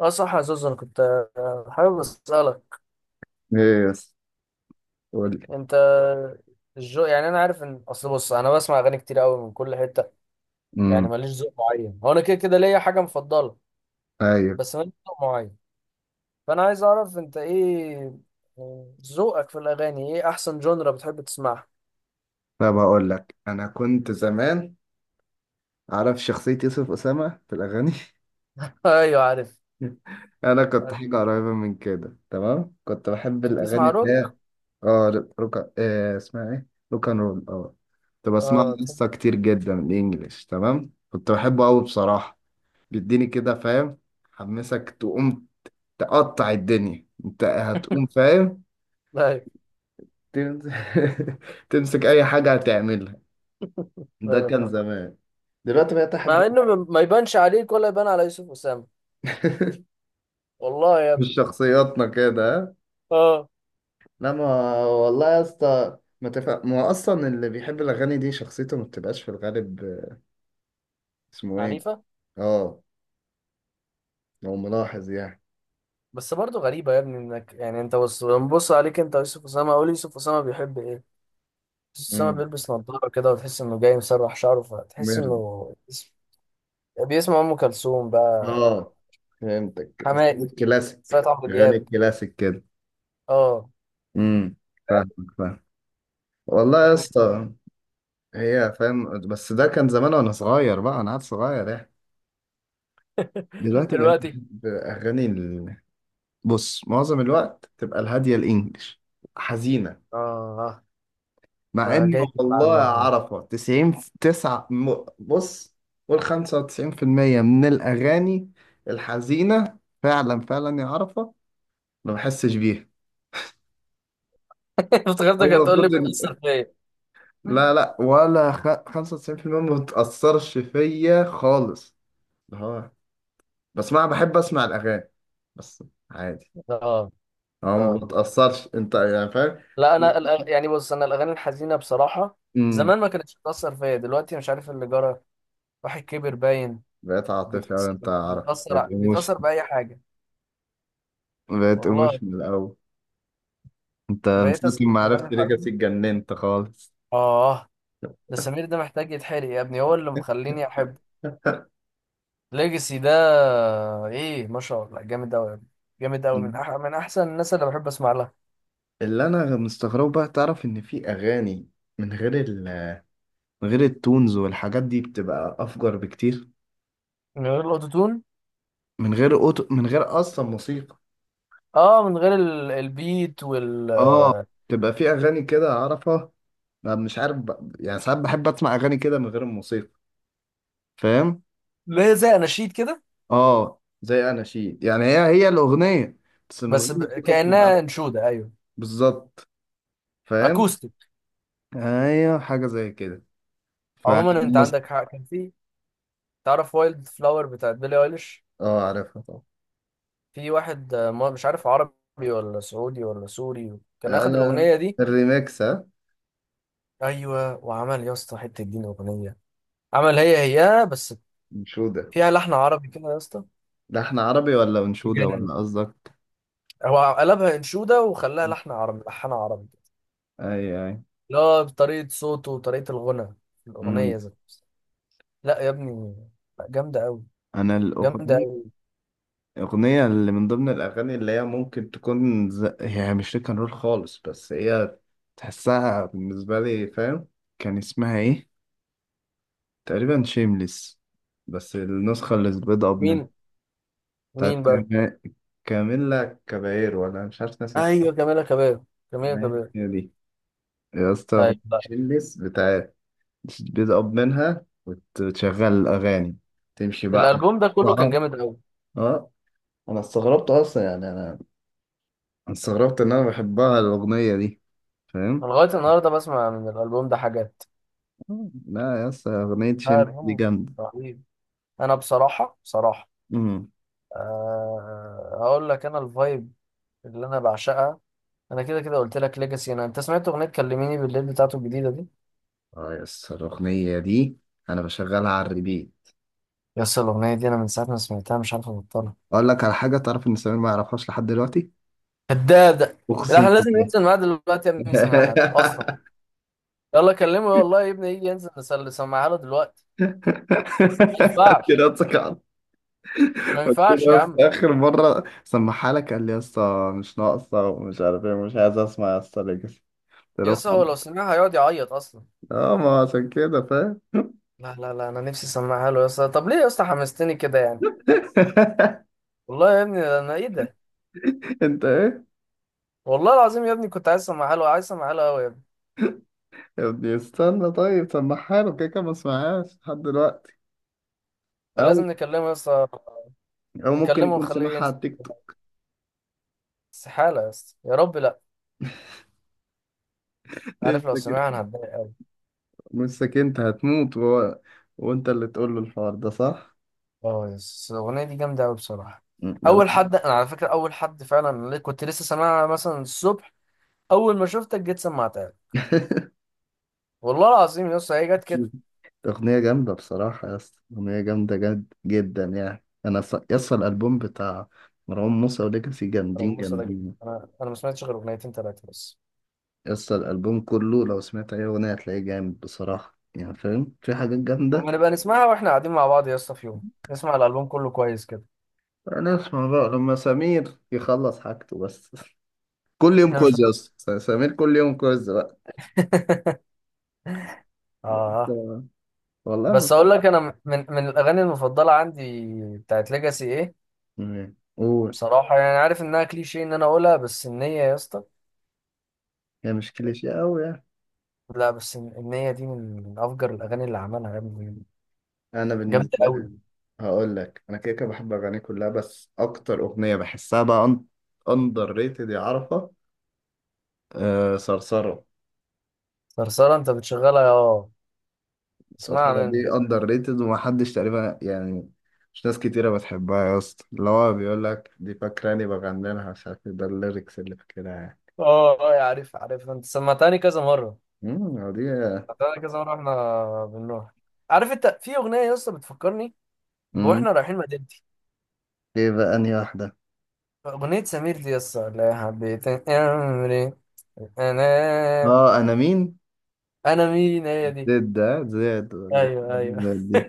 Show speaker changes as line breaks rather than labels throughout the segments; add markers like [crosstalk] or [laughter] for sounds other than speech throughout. اه، صح يا زوز. انا كنت حابب اسالك
ايه يس، قول لي.
انت الجو، يعني انا عارف ان اصل، بص انا بسمع اغاني كتير قوي من كل حته، يعني
امم.
ماليش ذوق معين، هو انا كده كده ليا حاجه مفضله،
ايوه.
بس ماليش ذوق معين. فانا عايز اعرف انت ايه ذوقك في الاغاني، ايه احسن جونرا بتحب تسمعها؟
طب اقول لك، انا كنت زمان عارف شخصية يوسف أسامة في الأغاني.
[laughs] ايوه عارف.
[laughs] أنا كنت
عارف.
حاجة قريبة من كده، تمام. كنت بحب
انت
الأغاني
بتسمع
اللي هي
روك؟
اه روكا، إيه اسمها ايه، روك أند رول، اه. كنت بسمعها
اه بتحب.
لسه كتير جدا، الإنجليش، تمام. كنت بحبه أوي بصراحة. بيديني كده، فاهم. حمسك تقوم، تقطع الدنيا، أنت هتقوم، فاهم.
[laughs] ايوه
تمسك [laughs] تمسك أي حاجة هتعملها. ده
ايوه
كان
فاهم.
زمان، دلوقتي بقيت احب.
مع انه ما يبانش عليك ولا يبان على يوسف اسامه.
[laughs]
والله يا ابني.
مش شخصياتنا كده، ها؟
اه،
لا ما والله يا اسطى ما تفهم. ما هو اصلا اللي بيحب الاغاني دي شخصيته ما بتبقاش في الغالب. اسمه ايه؟
عنيفه.
اه، لو ملاحظ يعني.
بس برضه غريبة يا ابني انك، يعني انت بص بنبص عليك انت، يوسف اسامة، قول يوسف اسامة بيحب ايه؟ يوسف اسامة
امم،
بيلبس نضارة كده وتحس انه جاي مسرح شعره، فتحس
مرد.
انه بيسمع ام كلثوم بقى،
اه، فهمتك، اسلوب
حماقي،
الكلاسيك،
فات عبد
غني
الوهاب.
الكلاسيك كده.
اه
امم، فاهمك، فاهم. والله يا
لكن.
اسطى، هي فاهم، بس ده كان زمان وانا صغير بقى، انا عاد صغير يعني.
[laughs]
دلوقتي بقيت
دلوقتي.
باغاني، بص، معظم الوقت تبقى الهادية، الإنجليش، حزينة.
اه.
مع
ده
إن
جاي تبقى عامل
والله يا
إزاي؟
عرفة 90 9، بص، قول 95% من الأغاني الحزينة فعلا، فعلا يا عرفة ما بحسش بيها.
[laughs]
أنا
افتكرتك هتقول لي
المفروض
بتأثر
إن-
فيا.
لا لا، 95% ما بتأثرش فيا خالص، اللي هو، بس ما بحب أسمع الأغاني بس، عادي.
اه
أه، ما
اه.
بتأثرش، أنت يعني فاهم.
لا انا
[laughs]
يعني بص انا الاغاني الحزينة بصراحة
أمم.
زمان ما كانتش بتأثر فيا، دلوقتي مش عارف اللي جرى. واحد كبر باين.
بقيت عاطفي أوي،
بتأثر
أنت عارف، بقيت
بيتأثر
إيموشن،
بيتأثر بأي حاجة.
بقيت
والله،
إيموشن من الأول. أنت من
بقيت
ساعة
أسمع
ما
أغاني
عرفت ليجاسي
الحزين.
اتجننت خالص.
آه، ده سمير ده محتاج يتحرق يا ابني، هو اللي مخليني أحبه.
[laughs]
ليجاسي ده إيه، ما شاء الله، جامد أوي يا ابني. جامد أوي، من
مم.
أح من أحسن الناس اللي بحب أسمع لها.
اللي أنا مستغربه بقى، تعرف إن في أغاني من غير من غير التونز والحاجات دي بتبقى أفجر بكتير،
من غير الأوتوتون.
من غير أوتو، من غير أصلا موسيقى.
آه، من غير البيت وال.
آه، تبقى في أغاني كده أعرفها. أنا مش عارف يعني ساعات بحب أسمع أغاني كده من غير الموسيقى، فاهم؟
اللي هي زي أناشيد كده.
آه، زي أناشيد يعني، هي هي الأغنية بس من غير
بس
موسيقى بتبقى
كأنها
أحلى.
أنشودة، أيوه.
بالظبط، فاهم.
أكوستيك.
ايوه، حاجه زي كده. ف،
عموما أنت عندك حق، كان في. تعرف وايلد فلاور بتاعت بيلي أيليش؟
اه، عارفها طبعا.
في واحد مش عارف عربي ولا سعودي ولا سوري، كان اخد
انا
الاغنيه دي،
الريميكس، ها.
ايوه، وعمل يا اسطى حته دين اغنيه. عمل هي بس
انشوده.
فيها لحن عربي كده يا اسطى،
ده احنا عربي ولا انشوده،
بجد.
ولا قصدك؟
هو قلبها انشوده، وخلاها لحن عربي، لحنها عربي.
اي اي.
لا، بطريقه صوته وطريقه الغنى في
امم،
الاغنيه ذات نفسها. لا يا ابني، لا، جامده قوي،
انا
جامده
الاغنيه
قوي.
الاغنيه اللي من ضمن الاغاني، اللي هي هي مش روck and رول خالص، بس هي تحسها بالنسبه لي، فاهم. كان اسمها ايه، تقريبا شيمليس، بس النسخه اللي بيض اب منها
مين؟
بتاعت
مين بقى؟
كام- كاميلا كابايرو، ولا مش عارف ناس.
ايوه جميله كباب، جميله
تمام،
كباب.
هي دي. يا اسطى
ايوه.
شلس بتاع، بتقب منها وتشغل الأغاني، تمشي بقى.
الالبوم ده كله كان
بقى،
جامد قوي.
اه، أنا استغربت أصلا يعني أنا استغربت إن أنا بحبها الأغنية دي، فاهم؟
انا لغايه النهارده بسمع من الالبوم ده حاجات.
آه، لا يا اسطى، أغنية
لا
شمس دي
الهم،
جامدة.
رهيب. انا بصراحه بصراحه،
أمم.
أه هقول لك انا الفايب اللي انا بعشقها. انا كده كده قلت لك ليجاسي. انا انت سمعت اغنيه كلميني بالليل بتاعته الجديده دي؟
اه، يا اسطى الأغنية دي أنا بشغلها على الريبيت.
يا اسطى الاغنيه دي انا من ساعه ما سمعتها مش عارف ابطلها.
أقول لك على حاجة، تعرف إن سمير ما يعرفهاش لحد دلوقتي؟
كدابه. لا
أقسم
احنا لازم
بالله.
ننزل معاه دلوقتي يا ابني نسمعها له اصلا.
[laughs]
يلا كلمه والله يا ابني يجي ينزل نسمعها له دلوقتي. ما
[laughs]
ينفعش،
كده.
ما
قلت
ينفعش
له،
يا
بس
عم.
اخر مره سمعها لك قال لي يا اسطى مش ناقصه ومش عارف ايه، مش عايز اسمع يا اسطى ليجاسي. قلت
يا
له
اسطى هو لو
خلاص.
سمعها هيقعد يعيط اصلا.
اه، ما عشان كده، فاهم.
لا انا نفسي اسمعها له يا اسطى. طب ليه يا اسطى حمستني كده يعني.
[laughs]
والله يا ابني انا، ايه ده.
انت ايه.
والله العظيم يا ابني كنت عايز اسمعها له، عايز اسمعها له قوي يا ابني.
يا ابني استنى، طيب سمعها له، كده كده ما سمعهاش لحد دلوقتي.
كان
او
لازم نكلمه يا اسطى،
او ممكن
نكلمه
يكون
ونخليه
سمعها على
ينزل.
التيك توك.
استحالة يا اسطى، يا رب لا.
[laughs]
عارف لو
لسه كده.
سمعها انا هتضايق قوي.
لسه كده انت هتموت، وهو وانت اللي تقول له الحوار ده، صح؟
اه يس، الاغنية دي جامدة قوي بصراحة.
م،
اول
جميل.
حد، انا على فكرة اول حد فعلا اللي كنت لسه سامعها مثلا الصبح، اول ما شفتك جيت سمعتها لي.
[laughs]
والله العظيم يا اسطى هي جت كده.
أغنية جامدة بصراحة يا اسطى، أغنية جامدة جد جدا يعني. أنا يا اسطى الألبوم بتاع مروان موسى وليجاسي
انا
جامدين،
بص ده جامد،
جامدين.
انا ما سمعتش غير اغنيتين ثلاثة بس.
يا اسطى الألبوم كله لو سمعت أي أغنية هتلاقيه جامد بصراحة، يعني فاهم في حاجات جامدة.
اما نبقى نسمعها واحنا قاعدين مع بعض يا اسطى في يوم، نسمع الالبوم كله كويس كده.
أنا أسمع بقى لما سمير يخلص حاجته بس. [laughs] كل يوم
احنا مش.
كوز يا اسطى، سمير كل يوم كوز بقى.
[laughs] اه.
والله
بس
ما.
اقول لك انا، من الاغاني المفضله عندي بتاعت ليجاسي، ايه؟
فاهم، قول.
بصراحه يعني عارف انها كليشيه ان انا اقولها، بس النيه يا اسطى.
هي مش كليشيه أوي يعني.
لا بس النيه دي من افجر الاغاني اللي عملها يا ابني.
أنا
جامده
بالنسبة
قوي.
لي، هقول لك انا كده كده بحب اغانيه كلها، بس اكتر اغنيه بحسها بقى اندر ريتد يا عرفه، آه، صرصره.
صرصره؟ انت بتشغلها، اه. اسمعها
صرصره
مني،
دي
صح؟
اندر ريتد، ومحدش تقريبا يعني، مش ناس كتيره بتحبها يا اسطى، اللي هو بيقول لك دي فاكراني بغني لها مش عارف إيه، ده الليركس اللي فاكرها يعني.
اه اه، يا عارف عارف، انت سمعتني كذا مره،
امم، هو دي.
سمعتني كذا مره واحنا بنروح. عارف انت في اغنيه يا اسطى بتفكرني
امم،
واحنا رايحين مدينتي؟
ايه بقى انهي واحده؟
اغنيه سمير دي يا اسطى، لا حبيت امري. انا،
اه، انا مين،
انا مين، هي دي.
زد، ده زد ولا
ايوه ايوه.
زد دي.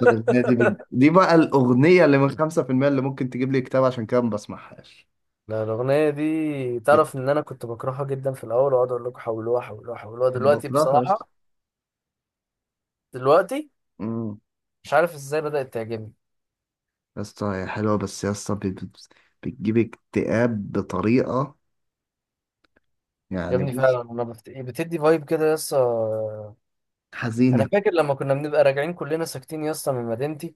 طب الأغنية دي بي... دي بقى الأغنية اللي من 5% اللي ممكن تجيب لي كتاب، عشان كده ما بسمعهاش.
لا الاغنيه دي، تعرف ان انا كنت بكرهها جدا في الاول واقعد اقول لكم حولوها حولوها حولوها،
انا
دلوقتي
بكرهها يا اسطى.
بصراحه، دلوقتي
امم،
مش عارف ازاي بدات تعجبني.
يا اسطى هي حلوه، بس يا اسطى بتجيب اكتئاب بطريقه،
يا
يعني
ابني
بص،
فعلا انا بتدي فايب كده يا اسطى. انا
حزينه.
فاكر لما كنا بنبقى راجعين كلنا ساكتين يا اسطى من مدينتي،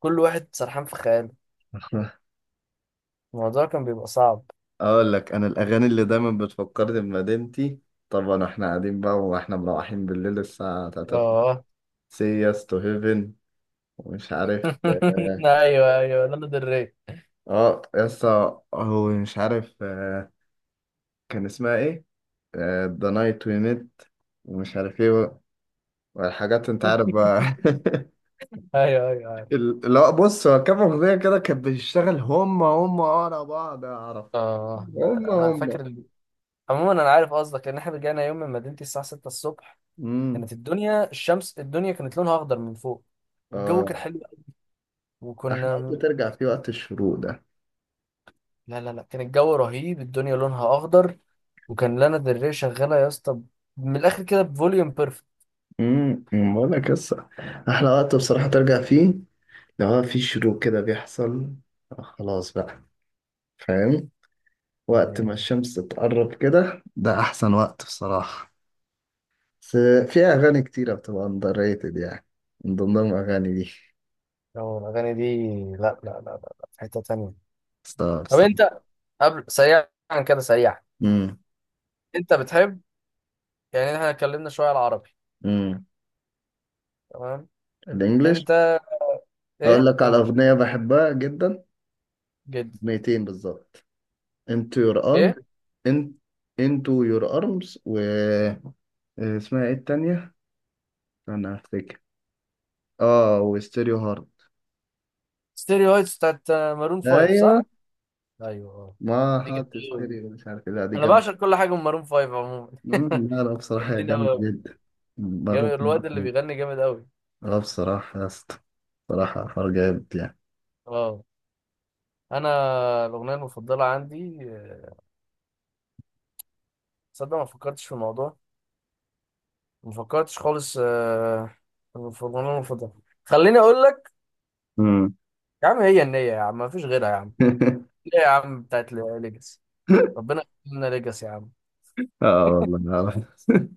كل واحد سرحان في خياله،
[laughs]
الموضوع كان بيبقى صعب.
اقول لك انا الاغاني اللي دايما بتفكرني بمدينتي، طبعا احنا قاعدين بقى واحنا مروحين بالليل الساعه 3،
اه.
سي يس تو هيفن، ومش عارف
[laughs]
اه،
ايوه ايوه، لانا دري.
آه، يا اسطى هو مش عارف، كان اسمها ايه، ذا نايت وي ميت، ومش عارف ايه، والحاجات انت عارف بقى.
[laughs]
[laughs]
ايوه ايوه ايوه.
لا، بص، هو كام أغنية كده كانت بتشتغل هم هم ورا بعض يا عرب،
اه لا
هم
لا، انا
هم.
فاكر. عموما انا عارف قصدك، لان احنا رجعنا يوم من مدينتي الساعه 6 الصبح.
امم،
كانت الدنيا، الشمس، الدنيا كانت لونها اخضر من فوق، والجو كان
اه،
حلو قوي،
احلى
وكنا.
وقت ترجع فيه، وقت الشروق ده.
لا لا لا، كان الجو رهيب، الدنيا لونها اخضر، وكان لانا دري ري شغاله يا اسطى، من الاخر كده بفوليوم بيرفكت
امم، أمم، بقول لك قصة، احلى وقت بصراحة ترجع فيه لو هو في شروق كده بيحصل. آه، خلاص بقى، فاهم. وقت ما
يعني.
الشمس تقرب كده، ده احسن وقت بصراحة. بس في اغاني كتيرة بتبقى اندر ريتد يعني، من ضمنهم اغاني دي،
أو الاغاني دي. لا، في حته تانية.
ستار
طب
ستار.
انت، قبل سريعا كده، سريعا،
امم.
انت بتحب، يعني احنا اتكلمنا شويه على العربي،
امم،
تمام،
الانجليش.
انت،
اقول
ايه
لك على
انجلش؟
اغنيه بحبها جدا،
جدا.
اغنيتين بالظبط: انتو يور ارم،
ايه؟
انت، انتو يور ارمز، و اسمها ايه التانية، انا افتكر، اه، وستيريو هارد.
ستيريوهايبس بتاعت مارون 5،
ايوه،
صح؟ ايوه اه.
ما
دي جامده
حاط
قوي دي.
ستيريو مش عارف إيه. لا دي
انا
جامده.
بعشق كل حاجه من مارون فايف عموما. [laughs]
لا لا بصراحه هي
جامدين
جامده
قوي.
جدا. مم،
جامد
برضه.
الواد اللي
جامدة.
بيغني جامد قوي.
اه بصراحه يا اسطى، بصراحه حوار جامد يعني.
اه. انا الاغنيه المفضله عندي تصدق ما فكرتش في الموضوع، ما فكرتش خالص في الاغنيه المفضله. خليني اقول لك،
مم.
يا عم هي النيه يا عم، ما فيش غيرها يا عم.
[laughs]
ليه يا عم، بتاعت ليجاسي. ربنا يخلينا ليجاسي يا عم.
اه والله أعرف.